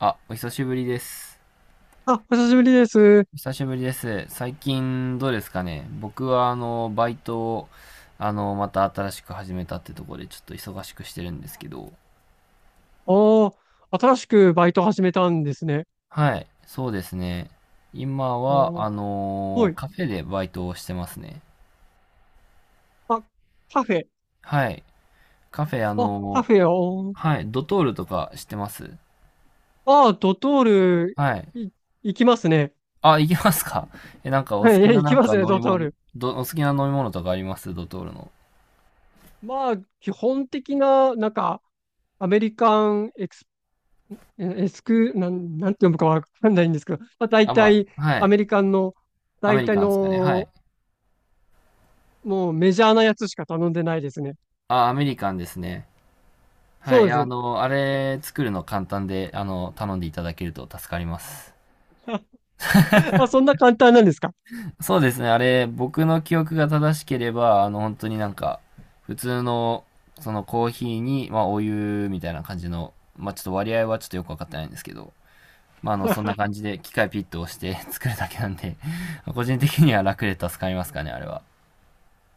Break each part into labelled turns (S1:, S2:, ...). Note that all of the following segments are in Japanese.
S1: あ、お久しぶりです。
S2: あ、お久しぶりです。
S1: お久しぶりです。最近どうですかね。僕はバイトを、また新しく始めたってところでちょっと忙しくしてるんですけど。
S2: おー、新しくバイト始めたんですね。
S1: はい、そうですね。今は、
S2: おー、はい。
S1: カフェでバイトをしてますね。
S2: あ、カフェ。
S1: はい。カフェ、
S2: あ、カフェを。
S1: はい、ドトールとか知ってます
S2: あー、ドトール、
S1: はい。
S2: い、行きますね。
S1: あ、行けますか？え、なんかお
S2: はい、
S1: 好き な
S2: 行
S1: な
S2: き
S1: ん
S2: ま
S1: か
S2: すね、
S1: 飲
S2: ド
S1: み
S2: トー
S1: 物、
S2: ル。
S1: お好きな飲み物とかありますドトールの。
S2: まあ、基本的な、なんか、アメリカンエクス、えエスク、なん、なんて読むかわかんないんですけど、まあ、大
S1: あ、ま
S2: 体、
S1: あ、は
S2: ア
S1: い。
S2: メリカンの、
S1: アメ
S2: 大
S1: リ
S2: 体
S1: カンですかね。は
S2: の、
S1: い。
S2: もうメジャーなやつしか頼んでないですね。
S1: あ、アメリカンですね。は
S2: そう
S1: い。
S2: ですね。
S1: あれ作るの簡単で、頼んでいただけると助かります。
S2: あ、そんな簡単なんですか？
S1: そうですね。あれ、僕の記憶が正しければ、本当になんか、普通の、そのコーヒーに、まあ、お湯みたいな感じの、まあ、ちょっと割合はちょっとよくわかってないんですけど、まあ、そんな 感じで機械ピットをして 作るだけなんで、個人的には楽で助かりますかね、あれは。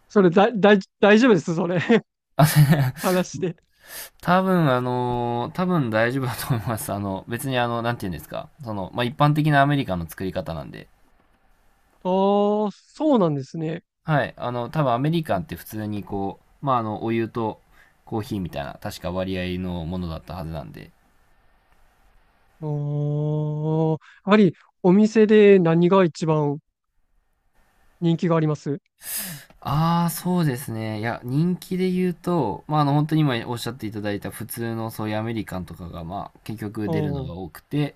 S2: それだ、だい、大丈夫です、それ。
S1: あ
S2: 話して。
S1: 多分、多分大丈夫だと思います。別になんて言うんですか。その、まあ、一般的なアメリカンの作り方なんで。
S2: ああ、そうなんですね。
S1: はい。多分アメリカンって普通にこう、まあ、お湯とコーヒーみたいな、確か割合のものだったはずなんで。
S2: ああ、やはりお店で何が一番人気があります？
S1: ああ、そうですね。いや、人気で言うと、まあ、本当に今おっしゃっていただいた普通のそういうアメリカンとかが、まあ、結局
S2: あ
S1: 出るのが
S2: ー
S1: 多くて、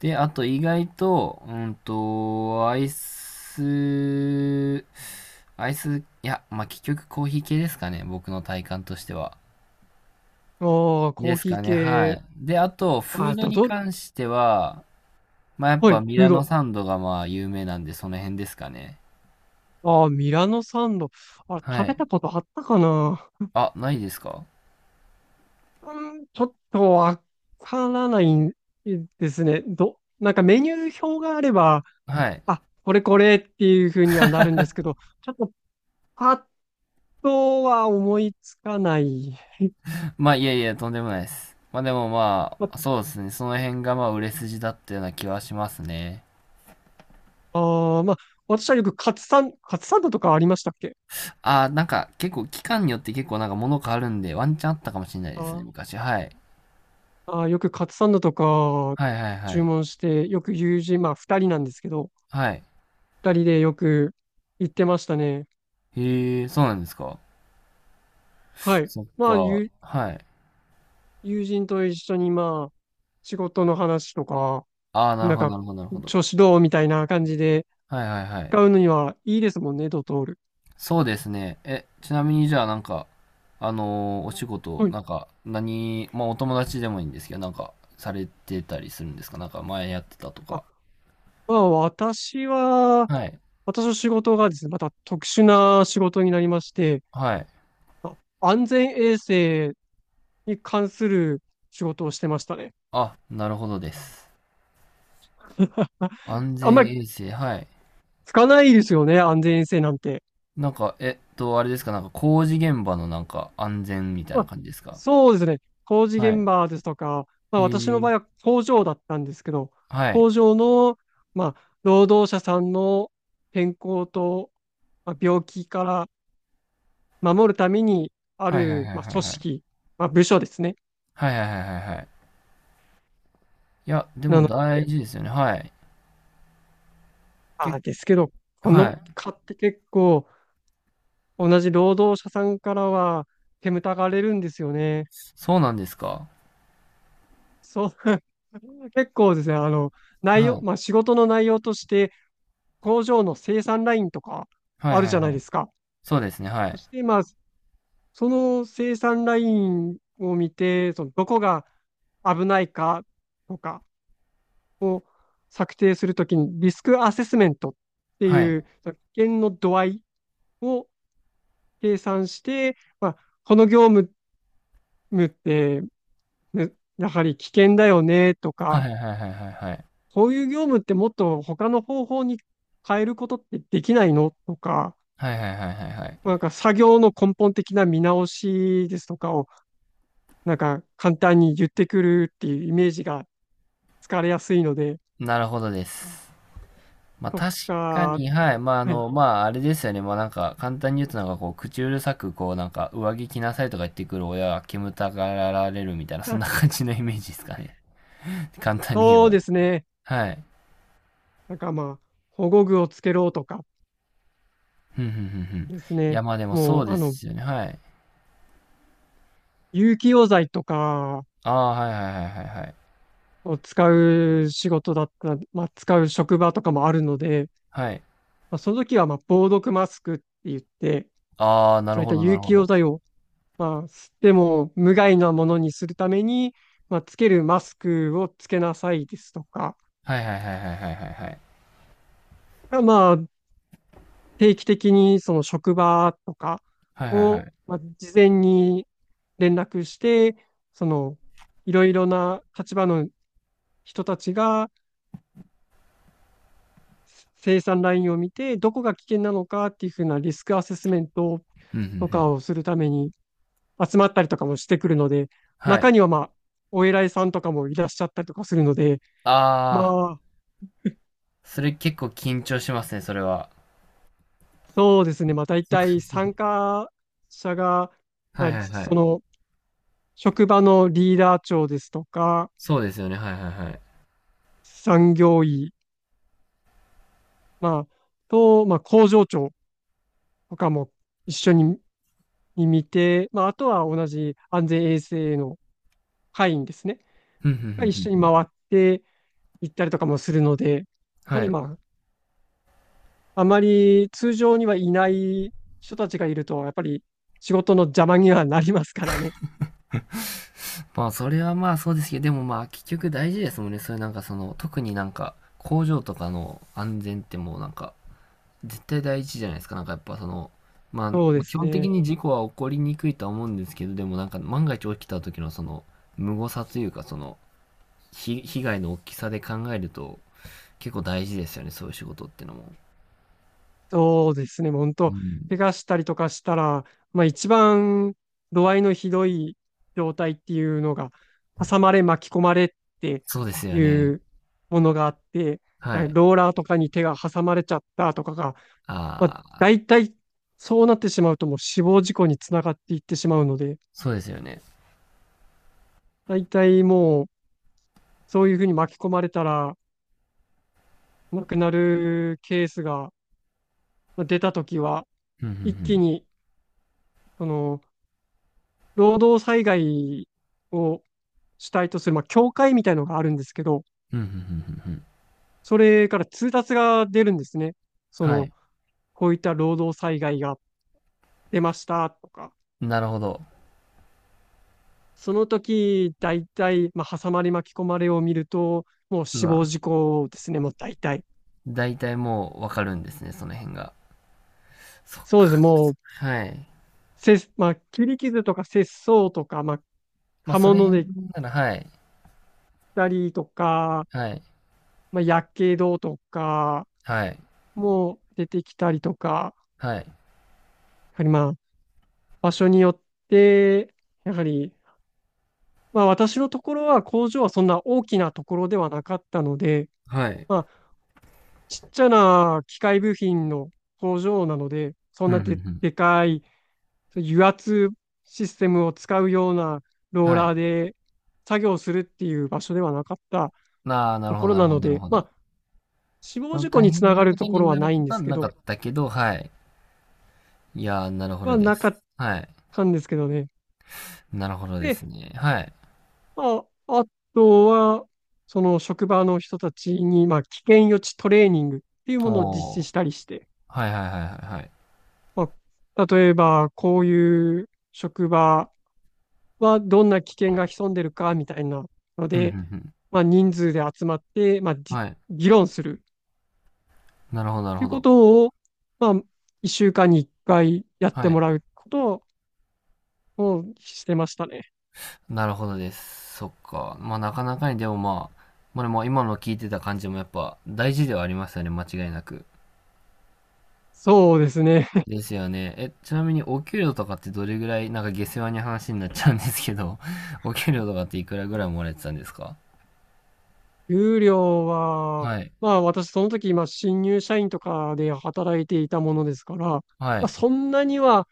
S1: で、あと意外と、うんと、アイス、いや、まあ、結局コーヒー系ですかね、僕の体感としては。
S2: あー、コ
S1: で
S2: ー
S1: す
S2: ヒー
S1: かね、は
S2: 系。
S1: い。で、あと、フ
S2: あー、
S1: ード
S2: ド
S1: に
S2: ドル。
S1: 関しては、まあ、やっ
S2: は
S1: ぱ
S2: い、
S1: ミ
S2: フー
S1: ラノ
S2: ド。
S1: サンドがまあ有名なんで、その辺ですかね。
S2: ああ、ミラノサンド。あれ、
S1: は
S2: 食べ
S1: い。
S2: たことあったかな。
S1: あ、ないですか？
S2: うん、ちょっとわからないんですね。なんかメニュー表があれば、
S1: はい。
S2: あ、これこれっていうふうにはなるんですけど、ちょっとあとは思いつかない。
S1: まあ、いやいや、とんでもないです。まあ、でもま
S2: ま
S1: あ、そうですね、その辺がまあ売れ筋だったような気はしますね。
S2: あー、まあ、私はよくカツサンドとかありましたっけ？
S1: ああ、なんか結構期間によって結構なんか物変わるんで、ワンチャンあったかもしれない
S2: あ
S1: ですね、
S2: ー
S1: 昔。はい。
S2: あー、よくカツサンドとか
S1: はいはいは
S2: 注
S1: い。
S2: 文して、よく友人、まあ二人なんですけど、
S1: はい。
S2: 二人でよく行ってましたね。
S1: へえ、そうなんですか。
S2: はい。
S1: そっ
S2: まあ、
S1: か。
S2: 友
S1: はい。
S2: 友人と一緒に、まあ、仕事の話とか、
S1: ああ、なる
S2: なん
S1: ほど
S2: か、
S1: なるほどなるほど。
S2: 調子どうみたいな感じで
S1: はいはいはい。
S2: 使うのにはいいですもんね、ドトール。
S1: そうですね。え、ちなみにじゃあなんか、あのーお仕事、
S2: はい。
S1: なんか、何、まあお友達でもいいんですけど、なんか、されてたりするんですか？なんか前やってたと
S2: まあ、
S1: か。
S2: まあ、
S1: はい。
S2: 私の仕事がですね、また特殊な仕事になりまして、
S1: はい。
S2: 安全衛生に関する仕事をしてましたね。
S1: あ、なるほどです。
S2: あ、
S1: 安
S2: あん
S1: 全
S2: まり
S1: 衛生、はい。
S2: つかないですよね、安全衛生なんて。
S1: なんか、えっと、あれですか、なんか工事現場のなんか安全みたい
S2: ま
S1: な
S2: あ、
S1: 感じですか？
S2: そうですね、工事
S1: は
S2: 現
S1: い。
S2: 場ですとか、まあ、
S1: へ
S2: 私の
S1: え。
S2: 場合は工場だったんですけど、
S1: はい。
S2: 工場の、まあ、労働者さんの健康と、まあ、病気から守るためにあ
S1: はいはい
S2: る、
S1: はい
S2: まあ、
S1: はい
S2: 組
S1: はい。
S2: 織、まあ、部署ですね。
S1: はいはいはいはいはい。いや、でも
S2: な
S1: 大事ですよね。はい。け、
S2: ですけど、こ
S1: は
S2: の
S1: い。
S2: 蚊って結構、同じ労働者さんからは、煙たがれるんですよね。
S1: そうなんですか。
S2: そう、結構ですね、あの、内
S1: は
S2: 容、
S1: い。
S2: まあ、仕事の内容として、工場の生産ラインとか
S1: はい
S2: ある
S1: は
S2: じ
S1: い
S2: ゃな
S1: は
S2: いで
S1: い。
S2: すか。
S1: そうですね。は
S2: そ
S1: い。
S2: して、まあ、その生産ラインを見て、そのどこが危ないかとかを策定するときに、リスクアセスメントって
S1: は
S2: い
S1: い。
S2: う、その危険の度合いを計算して、まあ、この業務ってねやはり危険だよねと
S1: は
S2: か、
S1: いはいはいはいはいはい。
S2: こういう業務ってもっと他の方法に変えることってできないのとか、
S1: はいはいはいはいはい。
S2: なんか作業の根本的な見直しですとかを、なんか簡単に言ってくるっていうイメージがつかれやすいので、
S1: なるほどです。まあ
S2: と
S1: 確か
S2: か、
S1: に、はい。まあ
S2: はい。
S1: まああれですよね。まあなんか簡単に言うとなんかこう、口うるさくこうなんか上着着なさいとか言ってくる親は煙たがられるみたいな、そん
S2: あ
S1: な感じのイメージですかね。簡単に言え
S2: そう
S1: ば。
S2: ですね。
S1: はい。
S2: なんかまあ、保護具をつけろとか
S1: ふんふんふんふん。い
S2: です
S1: や
S2: ね。
S1: まあでもそ
S2: も
S1: う
S2: う、
S1: ですよね。はい。
S2: 有機溶剤とか
S1: ああ、はいはいはいはいはい。
S2: を使う仕事だったら、まあ、使う職場とかもあるので、
S1: はい。
S2: まあ、その時は、まあ、防毒マスクって言って、
S1: ああ、な
S2: そ
S1: る
S2: ういっ
S1: ほ
S2: た
S1: どな
S2: 有
S1: るほ
S2: 機溶
S1: ど。
S2: 剤を、まあ、吸っても無害なものにするために、まあ、つけるマスクをつけなさいですとか、
S1: はいはいはいはいはいはいはい。
S2: まあ、定期的にその職場とか
S1: はいはいは
S2: を、
S1: い。
S2: まあ、事前に連絡して、その、いろいろな立場の人たちが、生産ラインを見て、どこが危険なのかっていうふうなリスクアセスメント
S1: うんうんう
S2: とか
S1: ん。
S2: をするために集まったりとかもしてくるので、
S1: はい。
S2: 中にはまあ、お偉いさんとかもいらっしゃったりとかするので、ま
S1: ああ、
S2: あ、
S1: それ結構緊張しますね、それは。
S2: そうですね、まあ大
S1: そうで
S2: 体
S1: すね。
S2: 参加者が、
S1: は
S2: まあ、
S1: いはいは
S2: そ
S1: い。
S2: の職場のリーダー長ですとか、
S1: そうですよね。はいはいはい。
S2: 産業医、まあ、と、まあ、工場長とかも一緒に見て、まあ、あとは同じ安全衛生の会員ですね。
S1: ふんふんふ
S2: が
S1: ん
S2: 一
S1: ふん
S2: 緒
S1: ふ
S2: に回
S1: ん。
S2: って行ったりとかもするので、やは
S1: は
S2: り
S1: い。
S2: まあ、あまり通常にはいない人たちがいると、やっぱり仕事の邪魔にはなりますからね。
S1: まあ、それはまあそうですけど、でもまあ結局大事ですもんね。それなんかその、特になんか工場とかの安全ってもうなんか、絶対第一じゃないですか。なんかやっぱその、まあ、
S2: そう
S1: ま
S2: で
S1: あ基
S2: す
S1: 本的
S2: ね。
S1: に事故は起こりにくいとは思うんですけど、でもなんか万が一起きた時のその、無誤差というかその、被害の大きさで考えると結構大事ですよね。そういう仕事ってのも。
S2: そうですね。本
S1: う
S2: 当、
S1: ん。
S2: 怪我したりとかしたら、まあ一番度合いのひどい状態っていうのが、挟まれ巻き込まれって
S1: そうですよ
S2: い
S1: ね。
S2: うものがあって、
S1: は
S2: はい、
S1: い。
S2: ローラーとかに手が挟まれちゃったとかがまあ、
S1: ああ、
S2: 大体、そうなってしまうともう死亡事故につながっていってしまうので、
S1: そうですよね。
S2: 大体もう、そういうふうに巻き込まれたら、亡くなるケースがまあ出たときは、
S1: うんう
S2: 一気
S1: ん
S2: に、その、労働災害を主体とする、まあ、協会みたいのがあるんですけど、
S1: うん。うんうんうんうんうん。
S2: それから通達が出るんですね。そ
S1: は
S2: の、
S1: い。
S2: こういった労働災害が出ましたとか、
S1: なるほど。
S2: その時、大体、まあ、挟まれ巻き込まれを見ると、もう
S1: う
S2: 死亡
S1: わ。
S2: 事故ですね、もう大体。
S1: だいたいもうわかるんですね、その辺が。そっ
S2: そうです、
S1: か。
S2: もう、
S1: はい。
S2: まあ、切り傷とか切創とか、まあ、
S1: まあ、
S2: 刃
S1: それ
S2: 物
S1: 辺
S2: で切っ
S1: なら、はい。
S2: たりとか、
S1: はい。
S2: まあ、やけどとか、
S1: はい。
S2: もう出てきたりとか、
S1: はい。
S2: やはりまあ、場所によって、やはり、まあ、私のところは工場はそんな大きなところではなかったので、
S1: はい。
S2: まあ、ちっちゃな機械部品の工場なので、そん
S1: うん
S2: な
S1: うんう
S2: で、
S1: ん。
S2: でかい、そういう油圧システムを使うようなロー
S1: はい。
S2: ラーで作業するっていう場所ではなかった
S1: ああ、な
S2: と
S1: るほ
S2: こ
S1: ど
S2: ろ
S1: なる
S2: な
S1: ほ
S2: の
S1: どなる
S2: で、
S1: ほ
S2: ま
S1: ど。
S2: あ、死
S1: そ
S2: 亡
S1: の
S2: 事故
S1: 大
S2: につな
S1: 変
S2: が
S1: な
S2: る
S1: こ
S2: と
S1: と
S2: こ
S1: に
S2: ろは
S1: なる
S2: な
S1: こ
S2: いんで
S1: とは
S2: すけ
S1: な
S2: ど、
S1: かったけど、はい。いやー、なるほど
S2: は
S1: で
S2: なか
S1: す。
S2: っ
S1: はい。
S2: たんですけどね。
S1: なるほどです
S2: で、
S1: ね。はい。
S2: まあ、あとは、その職場の人たちに、まあ、危険予知トレーニングっていうものを実
S1: お
S2: 施
S1: ー、
S2: したりして、
S1: はいはいはいはいはい。
S2: まあ、例えば、こういう職場はどんな危険が潜んでるかみたいなの
S1: ふんふ
S2: で、
S1: んふん。
S2: まあ、人数で集まって、まあ、
S1: はい。
S2: 議論する
S1: なるほどな
S2: っ
S1: る
S2: てい
S1: ほ
S2: うこ
S1: ど。
S2: とを、まあ、1週間に1回やって
S1: は
S2: も
S1: い。
S2: らうことをしてましたね。
S1: なるほどです。そっか。まあなかなかにでもまあ、まあでも今の聞いてた感じもやっぱ大事ではありますよね、間違いなく。
S2: そうですね。
S1: ですよね。え、ちなみにお給料とかってどれぐらい、なんか下世話に話になっちゃうんですけど、お給料とかっていくらぐらいもらえてたんですか？
S2: 給料は、
S1: はい。
S2: まあ私その時、まあ新入社員とかで働いていたものですから、ま
S1: は
S2: あ、
S1: い。
S2: そんなには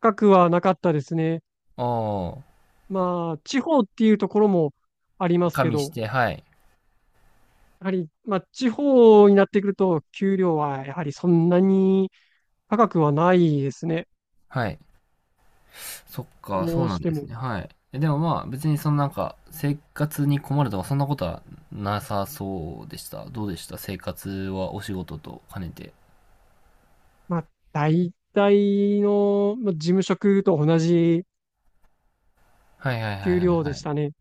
S2: 高くはなかったですね。
S1: ああ、
S2: まあ地方っていうところもあります
S1: 加
S2: け
S1: 味し
S2: ど、
S1: て、はい。
S2: やはり、まあ地方になってくると、給料はやはりそんなに高くはないですね。
S1: はい。そっか、そ
S2: ど
S1: う
S2: う
S1: な
S2: し
S1: ん
S2: て
S1: です
S2: も、
S1: ね。はい。え、でもまあ別にそのなんか生活に困るとかそんなことはなさそうでした。どうでした、生活はお仕事と兼ねて。
S2: まあ、大体の、まあ、事務職と同じ
S1: はいはいはい
S2: 給
S1: はい
S2: 料
S1: は
S2: でし
S1: い。
S2: たね。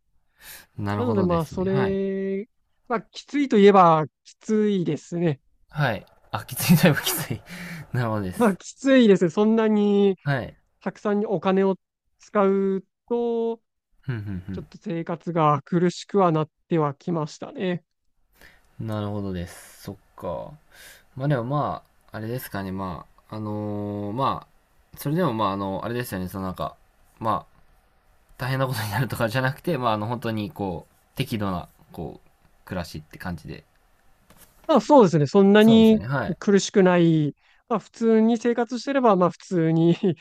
S1: なる
S2: な
S1: ほ
S2: ので、
S1: どで
S2: まあ、
S1: す
S2: そ
S1: ね。はい。
S2: れ、まあ、きついといえば、きついですね。
S1: はい。あ、きつい、だいぶきつい。なるほどで
S2: ま
S1: す。
S2: あ、きついですね。そんなに、
S1: はい。
S2: たくさんにお金を使うと、
S1: ふんふんふ
S2: ちょっ
S1: ん。
S2: と生活が苦しくはなってはきましたね。
S1: なるほどです。そっか。まあでもまあ、あれですかね。まあ、あのーまあ、それでもまあ、あれですよね。そのなんか、まあ、大変なことになるとかじゃなくて、まあ、本当にこう、適度な、こう、暮らしって感じで。
S2: まあ、そうですね。そんな
S1: そうですよ
S2: に
S1: ね。はい。
S2: 苦しくない。まあ、普通に生活してれば、まあ、普通に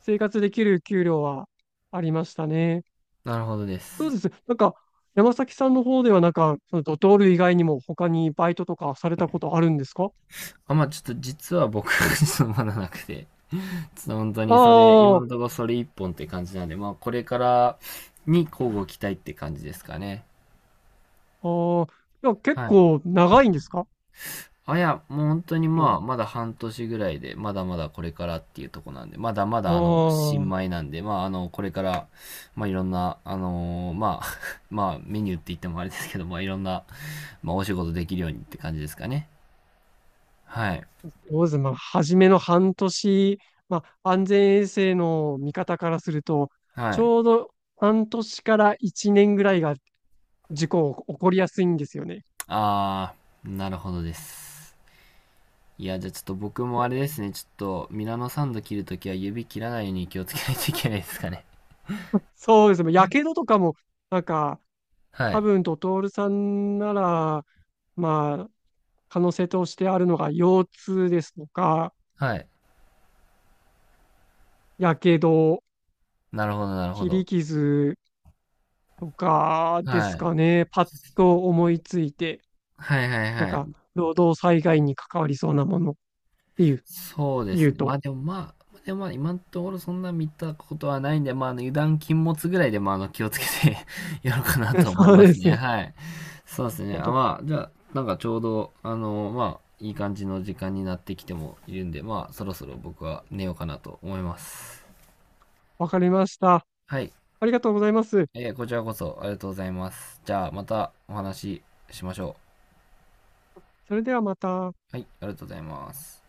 S2: 生活できる給料はありましたね。
S1: なるほどで
S2: そう
S1: す。
S2: です。なんか、山崎さんの方では、なんか、そのドトール以外にも他にバイトとかされたことあるんですか？
S1: あ、まあ、ちょっと実は僕、そのまだなくて。本当
S2: あ
S1: にそれ、
S2: あ、
S1: 今のと
S2: あ
S1: ころそれ一本って感じなんで、まあこれからに交互期待って感じですかね。
S2: あ、いや、結
S1: はい。
S2: 構長いんですか？ああ、
S1: あいや、もう本当にまあ、まだ半年ぐらいで、まだまだこれからっていうとこなんで、まだまだ新米なんで、まあこれから、まあいろんな、あのーまあ、まあメニューって言ってもあれですけど、まあいろんな、まあお仕事できるようにって感じですかね。はい。
S2: そうです。まあ、初めの半年、まあ、安全衛生の見方からすると、
S1: は
S2: ち
S1: い。
S2: ょうど半年から1年ぐらいが事故起こりやすいんですよね。
S1: あー、なるほどです。いや、じゃあちょっと僕もあれですね、ちょっとミラノサンド切るときは指切らないように気をつけないといけないですかね。
S2: そうですね。やけどとかも、なんか、
S1: は
S2: 多
S1: い。
S2: 分ドトールさんなら、まあ、可能性としてあるのが腰痛ですとか、
S1: はい。
S2: やけど、
S1: なるほど、なるほ
S2: 切り
S1: ど。
S2: 傷とかで
S1: は
S2: す
S1: い。
S2: かね。パッと思いついて、
S1: はいはい
S2: なん
S1: は
S2: か、
S1: い。
S2: 労働災害に関わりそうなものっていう、
S1: そうで
S2: 言
S1: す
S2: う
S1: ね。ま
S2: と。
S1: あでもまあ、でもまあ今のところそんな見たことはないんで、まあ油断禁物ぐらいでまあ気をつけて やろうかな と思い
S2: そう
S1: ま
S2: で
S1: す
S2: す
S1: ね。
S2: ね。
S1: はい。そうですね。
S2: 本
S1: あ、
S2: 当
S1: まあ、じゃあなんかちょうど、まあ、いい感じの時間になってきてもいるんで、まあそろそろ僕は寝ようかなと思います。
S2: わかりました。
S1: はい。
S2: ありがとうございます。
S1: えーこちらこそありがとうございます。じゃあ、またお話ししましょ
S2: それではまた。
S1: う。はい、ありがとうございます。